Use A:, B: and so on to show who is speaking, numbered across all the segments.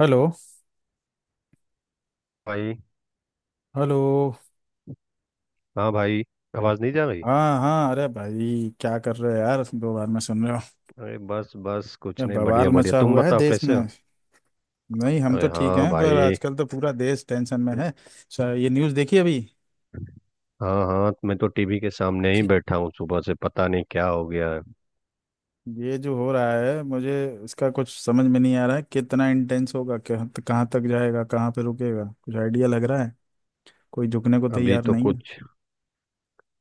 A: Hello.
B: भाई।
A: Hello.
B: हाँ भाई। आवाज नहीं जा रही।
A: हाँ हाँ, अरे भाई, क्या कर रहे हो यार, दो बार में सुन रहे हो?
B: अरे, बस बस कुछ
A: ये
B: नहीं। बढ़िया
A: बवाल
B: बढ़िया।
A: मचा
B: तुम
A: हुआ है
B: बताओ
A: देश
B: कैसे
A: में।
B: हो।
A: नहीं, हम तो
B: अरे
A: ठीक
B: हाँ
A: हैं, पर
B: भाई।
A: आजकल तो पूरा देश टेंशन में है। ये न्यूज़ देखी अभी?
B: हाँ हाँ, मैं तो टीवी के सामने ही बैठा हूँ। सुबह से पता नहीं क्या हो गया है।
A: ये जो हो रहा है मुझे, इसका कुछ समझ में नहीं आ रहा है। कितना इंटेंस होगा, कहाँ कहाँ तक जाएगा, कहाँ पे रुकेगा, कुछ आइडिया लग रहा है? कोई झुकने को
B: अभी
A: तैयार
B: तो
A: नहीं है।
B: कुछ।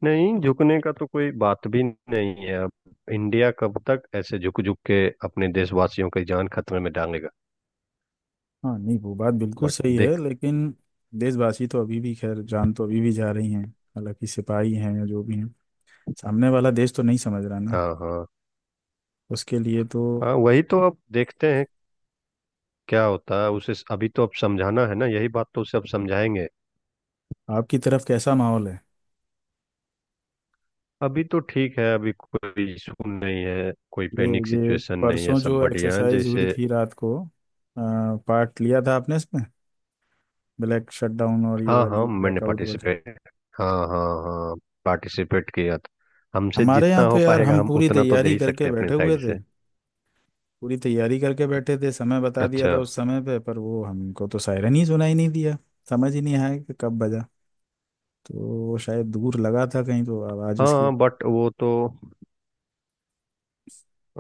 B: नहीं, झुकने का तो कोई बात भी नहीं है अब। इंडिया कब तक ऐसे झुक झुक के अपने देशवासियों की जान खतरे में डालेगा।
A: हाँ नहीं, वो बात बिल्कुल
B: बट
A: सही है,
B: देख।
A: लेकिन देशवासी तो अभी भी, खैर जान तो अभी भी जा रही हैं, हालांकि सिपाही हैं या जो भी हैं। सामने वाला देश तो नहीं समझ रहा ना,
B: हाँ हाँ।
A: उसके लिए तो।
B: हाँ वही तो। अब देखते हैं क्या होता है उसे। अभी तो अब समझाना है ना, यही बात तो उसे अब समझाएंगे।
A: आपकी तरफ कैसा माहौल है?
B: अभी तो ठीक है। अभी कोई इशू नहीं है, कोई
A: ये
B: पैनिक
A: ये
B: सिचुएशन नहीं है।
A: परसों
B: सब
A: जो
B: बढ़िया है
A: एक्सरसाइज हुई
B: जैसे।
A: थी रात को, पार्ट लिया था आपने इसमें? ब्लैक शटडाउन और ये
B: हाँ हाँ,
A: वाली
B: मैंने
A: ब्लैकआउट वाली।
B: पार्टिसिपेट। हाँ हाँ हाँ। पार्टिसिपेट किया था। हमसे
A: हमारे
B: जितना
A: यहाँ तो
B: हो
A: यार
B: पाएगा
A: हम
B: हम
A: पूरी
B: उतना तो दे
A: तैयारी
B: ही
A: करके
B: सकते हैं अपनी
A: बैठे हुए
B: साइड
A: थे,
B: से।
A: पूरी तैयारी करके बैठे थे, समय बता दिया
B: अच्छा।
A: था उस समय पे, पर वो हमको तो सायरन ही सुनाई नहीं दिया। समझ ही नहीं आया कि कब बजा, तो वो शायद दूर लगा था कहीं तो आवाज
B: हाँ
A: उसकी।
B: हाँ, बट वो तो।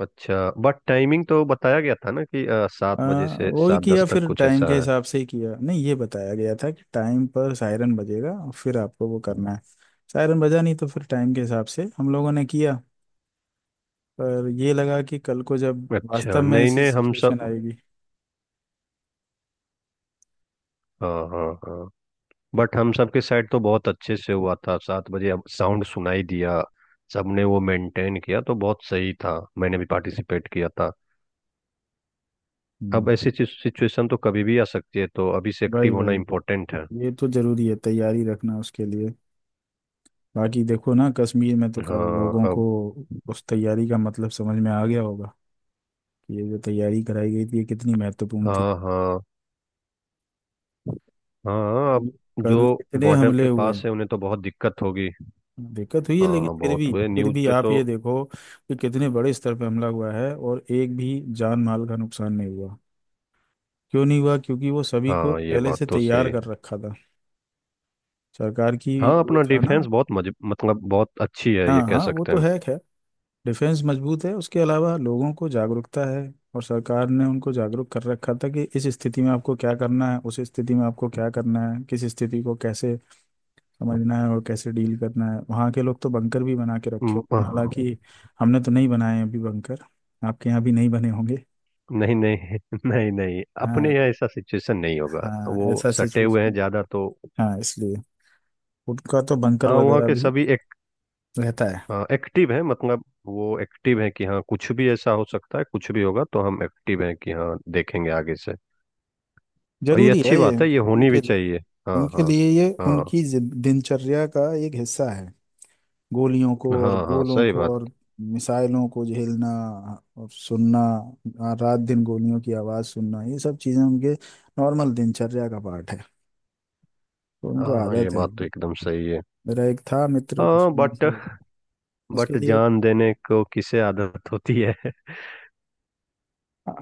B: अच्छा बट टाइमिंग तो बताया गया था ना कि सात
A: आ,
B: बजे से
A: वही
B: सात
A: किया,
B: दस तक
A: फिर
B: कुछ
A: टाइम के
B: ऐसा है।
A: हिसाब से ही किया। नहीं, ये बताया गया था कि टाइम पर सायरन बजेगा और फिर आपको वो करना है, सायरन बजा नहीं तो फिर टाइम के हिसाब से हम लोगों ने किया। पर ये लगा कि कल को जब वास्तव
B: अच्छा
A: में
B: नहीं
A: ऐसी
B: नहीं, हम
A: सिचुएशन
B: सब।
A: आएगी।
B: हाँ हाँ हाँ। बट हम सब के साइड तो बहुत अच्छे से हुआ था। सात बजे अब साउंड सुनाई दिया। सबने वो मेंटेन किया, तो बहुत सही था। मैंने भी पार्टिसिपेट किया था।
A: हम्म।
B: अब ऐसी सिचुएशन तो कभी भी आ सकती है, तो अभी से
A: भाई
B: एक्टिव होना
A: भाई,
B: इम्पोर्टेंट है।
A: ये तो जरूरी है तैयारी रखना उसके लिए। बाकी देखो ना, कश्मीर में तो कल
B: हाँ
A: लोगों को
B: अब।
A: उस तैयारी का मतलब समझ में आ गया होगा कि ये जो तैयारी कराई गई थी, ये कितनी महत्वपूर्ण थी।
B: हाँ हाँ। हाँ अब जो
A: कल इतने
B: बॉर्डर
A: हमले
B: के
A: हुए,
B: पास है उन्हें तो बहुत दिक्कत होगी।
A: दिक्कत हुई है,
B: हाँ
A: लेकिन
B: हाँ, बहुत हुए
A: फिर
B: न्यूज़
A: भी
B: पे
A: आप
B: तो।
A: ये देखो कि कितने बड़े स्तर पर हमला हुआ है और एक भी जान माल का नुकसान नहीं हुआ। क्यों नहीं हुआ? क्योंकि वो सभी को
B: हाँ ये
A: पहले
B: बात
A: से
B: तो
A: तैयार
B: सही।
A: कर रखा था सरकार की।
B: हाँ
A: ये
B: अपना
A: था ना।
B: डिफेंस बहुत मतलब बहुत अच्छी है, ये
A: हाँ
B: कह
A: हाँ, वो
B: सकते
A: तो
B: हैं।
A: है खैर। डिफेंस मजबूत है, उसके अलावा लोगों को जागरूकता है और सरकार ने उनको जागरूक कर रखा था कि इस स्थिति में आपको क्या करना है, उस स्थिति में आपको क्या करना है, किस स्थिति को कैसे समझना है और कैसे डील करना है। वहाँ के लोग तो बंकर भी बना के रखे
B: हम्म।
A: होते हैं, हालांकि हमने तो नहीं बनाए हैं अभी बंकर। आपके यहाँ भी नहीं बने होंगे।
B: नहीं नहीं नहीं नहीं,
A: हाँ।
B: अपने यहाँ ऐसा सिचुएशन नहीं होगा
A: हाँ,
B: वो।
A: ऐसा
B: सटे हुए हैं
A: सिचुएशन।
B: ज्यादा तो।
A: हाँ इसलिए उनका तो बंकर
B: हाँ वहाँ
A: वगैरह
B: के
A: भी
B: सभी
A: रहता है।
B: एक्टिव हैं। मतलब वो एक्टिव हैं कि हाँ कुछ भी ऐसा हो सकता है। कुछ भी होगा तो हम एक्टिव हैं कि हाँ देखेंगे आगे से। और ये
A: जरूरी है
B: अच्छी
A: ये
B: बात है, ये होनी भी
A: उनके लिए
B: चाहिए। हाँ
A: उनके
B: हाँ।
A: लिए ये
B: हाँ।
A: उनकी दिनचर्या का एक हिस्सा है। गोलियों को और
B: हाँ हाँ
A: गोलों
B: सही
A: को
B: बात।
A: और मिसाइलों को झेलना और सुनना, रात दिन गोलियों की आवाज़ सुनना, ये सब चीज़ें उनके नॉर्मल दिनचर्या का पार्ट है, तो उनको
B: हाँ हाँ, ये
A: आदत है।
B: बात तो एकदम सही है।
A: मेरा एक था मित्र
B: हाँ
A: कश्मीर
B: बट।
A: से। उसके
B: बट
A: लिए
B: जान देने को किसे आदत होती है?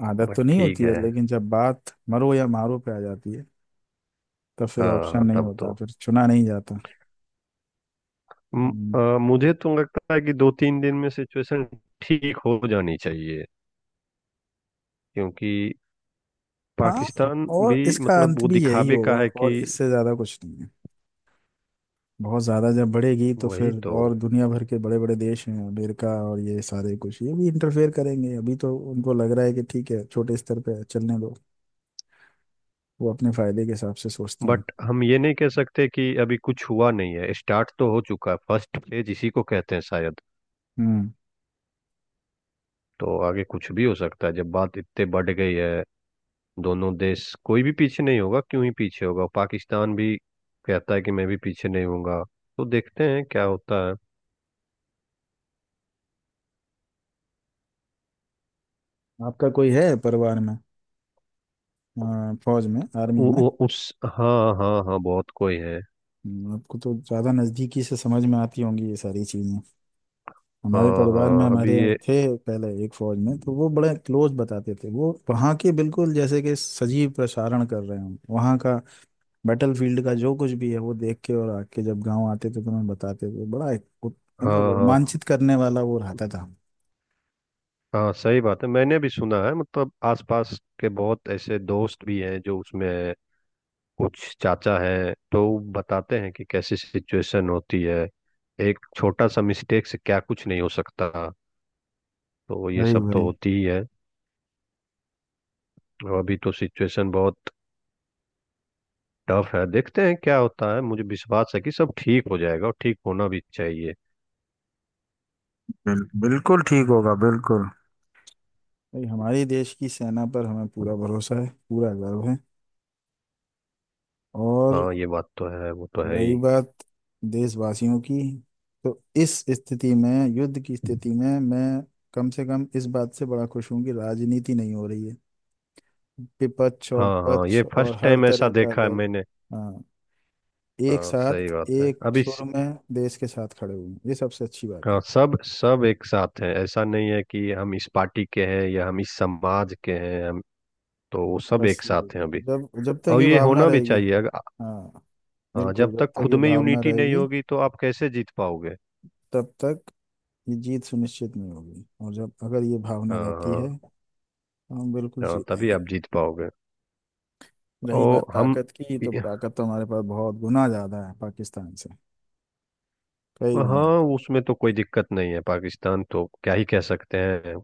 A: आदत
B: बट
A: तो नहीं
B: ठीक
A: होती है,
B: है।
A: लेकिन जब बात मरो या मारो पे आ जाती है, तब फिर ऑप्शन
B: हाँ
A: नहीं
B: तब
A: होता,
B: तो।
A: फिर चुना नहीं जाता। अम्म,
B: मुझे तो लगता है कि दो तीन दिन में सिचुएशन ठीक हो जानी चाहिए। क्योंकि
A: हाँ,
B: पाकिस्तान भी
A: और इसका
B: मतलब
A: अंत
B: वो
A: भी यही
B: दिखावे
A: होगा,
B: का है
A: और
B: कि।
A: इससे ज्यादा कुछ नहीं है। बहुत ज्यादा जब बढ़ेगी तो
B: वही
A: फिर
B: तो।
A: और दुनिया भर के बड़े बड़े देश हैं, अमेरिका और ये सारे कुछ, ये भी इंटरफेयर करेंगे। अभी तो उनको लग रहा है कि ठीक है, छोटे स्तर पे चलने दो, वो अपने फायदे के हिसाब से सोचते हैं।
B: बट हम ये नहीं कह सकते कि अभी कुछ हुआ नहीं है। स्टार्ट तो हो चुका है, फर्स्ट फेज इसी को कहते हैं शायद।
A: हम्म।
B: तो आगे कुछ भी हो सकता है, जब बात इतने बढ़ गई है। दोनों देश कोई भी पीछे नहीं होगा। क्यों ही पीछे होगा, पाकिस्तान भी कहता है कि मैं भी पीछे नहीं होऊंगा। तो देखते हैं क्या होता है।
A: आपका कोई है परिवार में, फौज में, आर्मी
B: उ,
A: में?
B: उ, उस हाँ हाँ हाँ, बहुत कोई है।
A: हम्म। आपको तो ज़्यादा नज़दीकी से समझ में आती होंगी ये सारी चीज़ें। हमारे
B: हाँ
A: परिवार में
B: हाँ अभी
A: हमारे
B: ये।
A: थे पहले एक फौज में, तो वो बड़े क्लोज बताते थे। वो वहाँ के बिल्कुल जैसे कि सजीव प्रसारण कर रहे हों वहाँ का, बैटल फील्ड का जो कुछ भी है वो देख के और आके जब गाँव आते थे तो हमें बताते थे। बड़ा एक मतलब
B: हाँ हाँ
A: रोमांचित करने वाला वो रहता था।
B: हाँ, सही बात है। मैंने भी सुना है, मतलब आसपास के बहुत ऐसे दोस्त भी हैं जो उसमें हैं। कुछ चाचा हैं तो वो बताते हैं कि कैसी सिचुएशन होती है। एक छोटा सा मिस्टेक से क्या कुछ नहीं हो सकता। तो ये
A: वही
B: सब तो
A: वही,
B: होती ही है। और अभी तो सिचुएशन बहुत टफ है। देखते हैं क्या होता है। मुझे विश्वास है कि सब ठीक हो जाएगा, और ठीक होना भी चाहिए।
A: बिल्कुल ठीक होगा बिल्कुल। भाई हमारे देश की सेना पर हमें पूरा भरोसा है, पूरा गर्व है। और
B: हाँ ये बात तो है, वो तो है ही।
A: रही बात देशवासियों की, तो इस स्थिति में, युद्ध की स्थिति में, मैं कम से कम इस बात से बड़ा खुश हूं कि राजनीति नहीं हो रही है। विपक्ष और
B: हाँ हाँ, ये
A: पक्ष और
B: फर्स्ट
A: हर
B: टाइम ऐसा
A: तरह का
B: देखा है
A: दल,
B: मैंने।
A: हाँ, एक
B: हाँ सही
A: साथ
B: बात है,
A: एक
B: अभी
A: सुर में देश के साथ खड़े हुए हैं, ये सबसे अच्छी बात है।
B: हाँ, सब सब एक साथ हैं। ऐसा नहीं है कि हम इस पार्टी के हैं या हम इस समाज के हैं। हम तो वो सब
A: बस
B: एक
A: ये,
B: साथ हैं अभी।
A: जब जब तक
B: और
A: ये
B: ये
A: भावना
B: होना भी
A: रहेगी,
B: चाहिए अगर।
A: हाँ,
B: हाँ
A: बिल्कुल।
B: जब
A: जब
B: तक
A: तक
B: खुद
A: ये
B: में
A: भावना
B: यूनिटी नहीं
A: रहेगी,
B: होगी तो आप कैसे जीत पाओगे?
A: तब तक ये जीत सुनिश्चित नहीं होगी, और जब अगर ये भावना
B: हाँ
A: रहती
B: हाँ।
A: है तो हम बिल्कुल
B: हाँ तभी
A: जीतेंगे।
B: आप जीत पाओगे।
A: रही बात
B: और हम।
A: ताकत की तो ताकत तो हमारे पास बहुत गुना ज्यादा है पाकिस्तान से, कई गुना
B: हाँ
A: ज्यादा।
B: उसमें तो कोई दिक्कत नहीं है। पाकिस्तान तो क्या ही कह सकते हैं।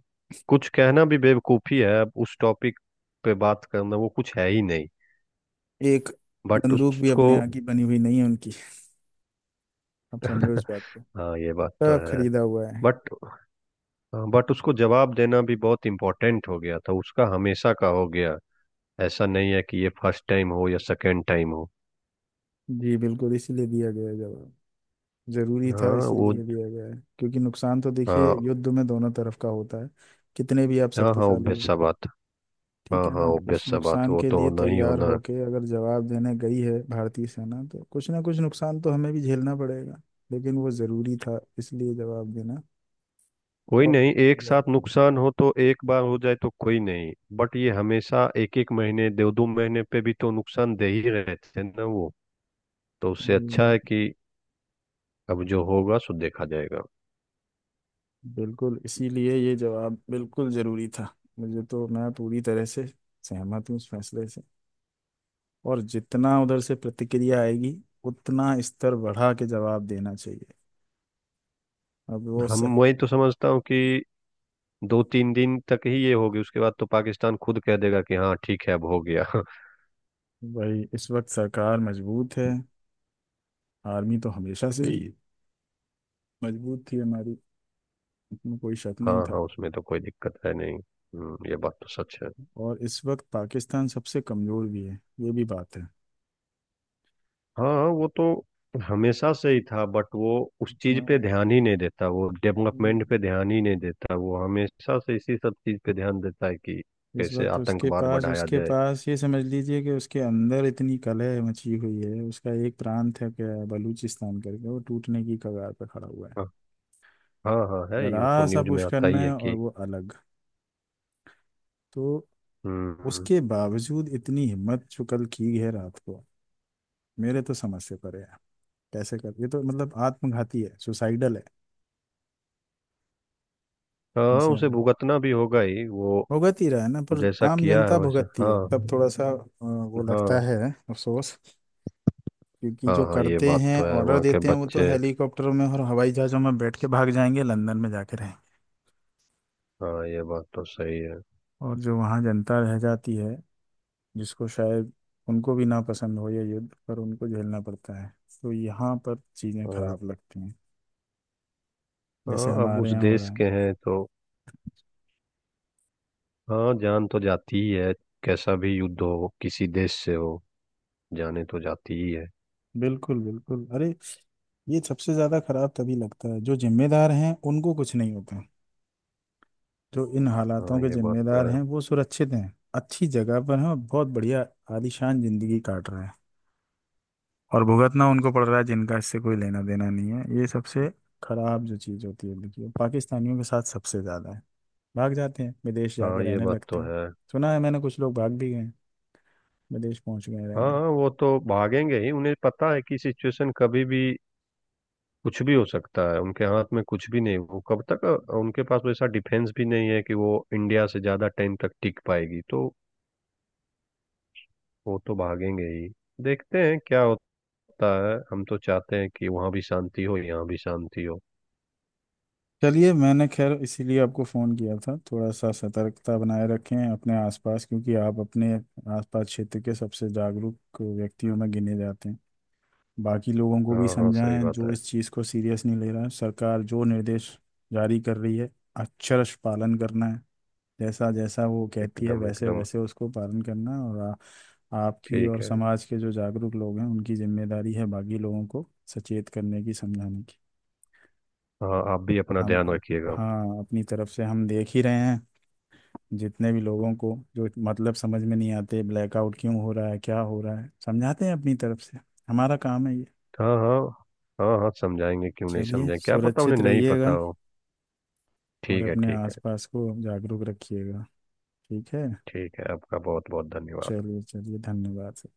B: कुछ कहना भी बेवकूफ़ी है अब, उस टॉपिक पे बात करना, वो कुछ है ही नहीं।
A: एक
B: बट
A: बंदूक भी
B: उसको।
A: अपने यहाँ की बनी हुई नहीं है उनकी, आप समझो इस बात को,
B: हाँ ये बात तो
A: सब
B: है।
A: खरीदा हुआ है।
B: बट। हाँ, बट उसको जवाब देना भी बहुत इम्पोर्टेंट हो गया था। उसका हमेशा का हो गया। ऐसा नहीं है कि ये फर्स्ट टाइम हो या सेकंड टाइम हो।
A: जी, बिल्कुल, इसीलिए दिया गया है जवाब। जरूरी था,
B: हाँ वो।
A: इसीलिए दिया गया है, क्योंकि नुकसान तो देखिए
B: हाँ।
A: युद्ध में दोनों तरफ का होता है, कितने भी आप
B: हाँ हाँ,
A: शक्तिशाली
B: ऑब्वियस
A: हो,
B: सा बात। हाँ
A: ठीक है ना?
B: हाँ,
A: उस
B: ऑब्वियस सा बात।
A: नुकसान
B: वो
A: के
B: तो
A: लिए
B: होना ही
A: तैयार
B: होना है।
A: होके अगर जवाब देने गई है भारतीय सेना तो कुछ ना कुछ नुकसान तो हमें भी झेलना पड़ेगा, लेकिन वो जरूरी था, इसलिए जवाब देना।
B: कोई
A: और
B: नहीं, एक साथ नुकसान हो तो एक बार हो जाए तो कोई नहीं। बट ये हमेशा एक एक महीने दो दो महीने पे भी तो नुकसान दे ही रहे थे ना वो। तो उससे अच्छा
A: हम्म,
B: है कि अब जो होगा सो देखा जाएगा।
A: बिल्कुल, इसीलिए ये जवाब बिल्कुल जरूरी था। मुझे तो मैं पूरी तरह से सहमत हूँ इस फैसले से, और जितना उधर से प्रतिक्रिया आएगी उतना स्तर बढ़ा के जवाब देना चाहिए। अब वो सब।
B: हम वही तो समझता हूँ कि दो तीन दिन तक ही ये होगी। उसके बाद तो पाकिस्तान खुद कह देगा कि हाँ ठीक है अब हो गया।
A: भाई इस वक्त सरकार मजबूत है, आर्मी तो हमेशा से ही मजबूत थी हमारी, इसमें कोई शक
B: हाँ
A: नहीं
B: हाँ,
A: था।
B: उसमें तो कोई दिक्कत है नहीं। ये बात तो सच है।
A: और इस वक्त पाकिस्तान सबसे कमजोर भी है, ये भी बात है।
B: हाँ वो तो हमेशा से ही था, बट वो उस चीज पे
A: हाँ।
B: ध्यान ही नहीं देता। वो डेवलपमेंट पे ध्यान ही नहीं देता। वो हमेशा से इसी सब चीज पे ध्यान देता है कि
A: इस
B: कैसे
A: वक्त उसके
B: आतंकवाद
A: पास
B: बढ़ाया
A: उसके
B: जाए।
A: पास ये समझ लीजिए कि उसके अंदर इतनी कलह मची हुई है, उसका एक प्रांत है क्या, बलूचिस्तान करके, वो टूटने की कगार पर खड़ा हुआ है।
B: हाँ हाँ हाँ, है,
A: जरा
B: ये तो
A: सा
B: न्यूज में
A: पुश
B: आता
A: करना
B: ही है
A: है और
B: कि।
A: वो अलग। तो
B: हम्म।
A: उसके बावजूद इतनी हिम्मत जो कल की है रात को, मेरे तो समझ से परे है। कैसे कर, ये तो मतलब आत्मघाती है, सुसाइडल है
B: हाँ
A: जैसे।
B: उसे भुगतना भी होगा ही वो।
A: भुगत ही रहा है ना, पर
B: जैसा
A: आम
B: किया है
A: जनता
B: वैसा।
A: भुगतती है
B: हाँ।
A: तब थोड़ा सा वो लगता
B: हाँ।
A: है, अफसोस। क्योंकि
B: हाँ
A: जो
B: हाँ, ये
A: करते
B: बात
A: हैं
B: तो है।
A: ऑर्डर
B: वहाँ के
A: देते हैं वो तो
B: बच्चे।
A: हेलीकॉप्टरों में और हवाई जहाज़ों में बैठ के भाग जाएंगे, लंदन में जाके रहेंगे।
B: हाँ ये बात तो सही है।
A: और जो वहाँ जनता रह जाती है जिसको शायद उनको भी ना पसंद हो ये युद्ध, पर उनको झेलना पड़ता है, तो यहाँ पर चीज़ें
B: हाँ
A: खराब लगती हैं, जैसे
B: हाँ, अब
A: हमारे
B: उस
A: यहाँ हो
B: देश
A: रहा है।
B: के हैं तो। हाँ जान तो जाती ही है। कैसा भी युद्ध हो, किसी देश से हो, जाने तो जाती ही है।
A: बिल्कुल बिल्कुल, अरे, ये सबसे ज़्यादा खराब तभी लगता है, जो जिम्मेदार हैं उनको कुछ नहीं होता। जो इन हालातों
B: हाँ
A: के
B: ये बात तो
A: जिम्मेदार
B: है।
A: हैं वो सुरक्षित हैं, अच्छी जगह पर हैं, और बहुत बढ़िया आलीशान जिंदगी काट रहे हैं, और भुगतना उनको पड़ रहा है जिनका इससे कोई लेना देना नहीं है। ये सबसे खराब जो चीज़ होती है, देखिए, पाकिस्तानियों के साथ सबसे ज़्यादा है। भाग जाते हैं विदेश जाके
B: हाँ ये
A: रहने
B: बात
A: लगते
B: तो
A: हैं।
B: है।
A: सुना है मैंने कुछ लोग भाग भी गए हैं, विदेश पहुंच गए
B: हाँ
A: रहने।
B: हाँ, वो तो भागेंगे ही। उन्हें पता है कि सिचुएशन कभी भी कुछ भी हो सकता है। उनके हाथ में कुछ भी नहीं, वो कब तक। उनके पास वैसा डिफेंस भी नहीं है कि वो इंडिया से ज्यादा टाइम तक टिक पाएगी, तो वो तो भागेंगे ही। देखते हैं क्या सत्ता है। हम तो चाहते हैं कि वहाँ भी शांति हो, यहाँ भी शांति हो।
A: चलिए, मैंने खैर इसीलिए आपको फ़ोन किया था, थोड़ा सा सतर्कता बनाए रखें अपने आसपास, क्योंकि आप अपने आसपास क्षेत्र के सबसे जागरूक व्यक्तियों में गिने जाते हैं। बाकी लोगों को भी
B: हाँ हाँ सही
A: समझाएं
B: बात
A: जो
B: है।
A: इस चीज़ को सीरियस नहीं ले रहा है। सरकार जो निर्देश जारी कर रही है, अक्षरश पालन करना है। जैसा जैसा वो कहती है
B: एकदम
A: वैसे
B: एकदम।
A: वैसे उसको पालन करना, और आपकी
B: ठीक
A: और
B: है।
A: समाज के जो जागरूक लोग हैं उनकी जिम्मेदारी है बाकी लोगों को सचेत करने की, समझाने की।
B: हाँ आप भी अपना
A: हम
B: ध्यान रखिएगा।
A: हाँ, अपनी तरफ से हम देख ही रहे हैं। जितने भी लोगों को जो मतलब समझ में नहीं आते ब्लैकआउट क्यों हो रहा है, क्या हो रहा है, समझाते हैं अपनी तरफ से, हमारा काम है ये।
B: हाँ हाँ। हाँ हाँ, समझाएंगे। क्यों नहीं
A: चलिए,
B: समझाएंगे, क्या पता उन्हें
A: सुरक्षित
B: नहीं पता
A: रहिएगा
B: हो।
A: और
B: ठीक है
A: अपने
B: ठीक है।
A: आसपास को जागरूक रखिएगा, ठीक है।
B: ठीक है, आपका बहुत बहुत धन्यवाद।
A: चलिए चलिए, धन्यवाद।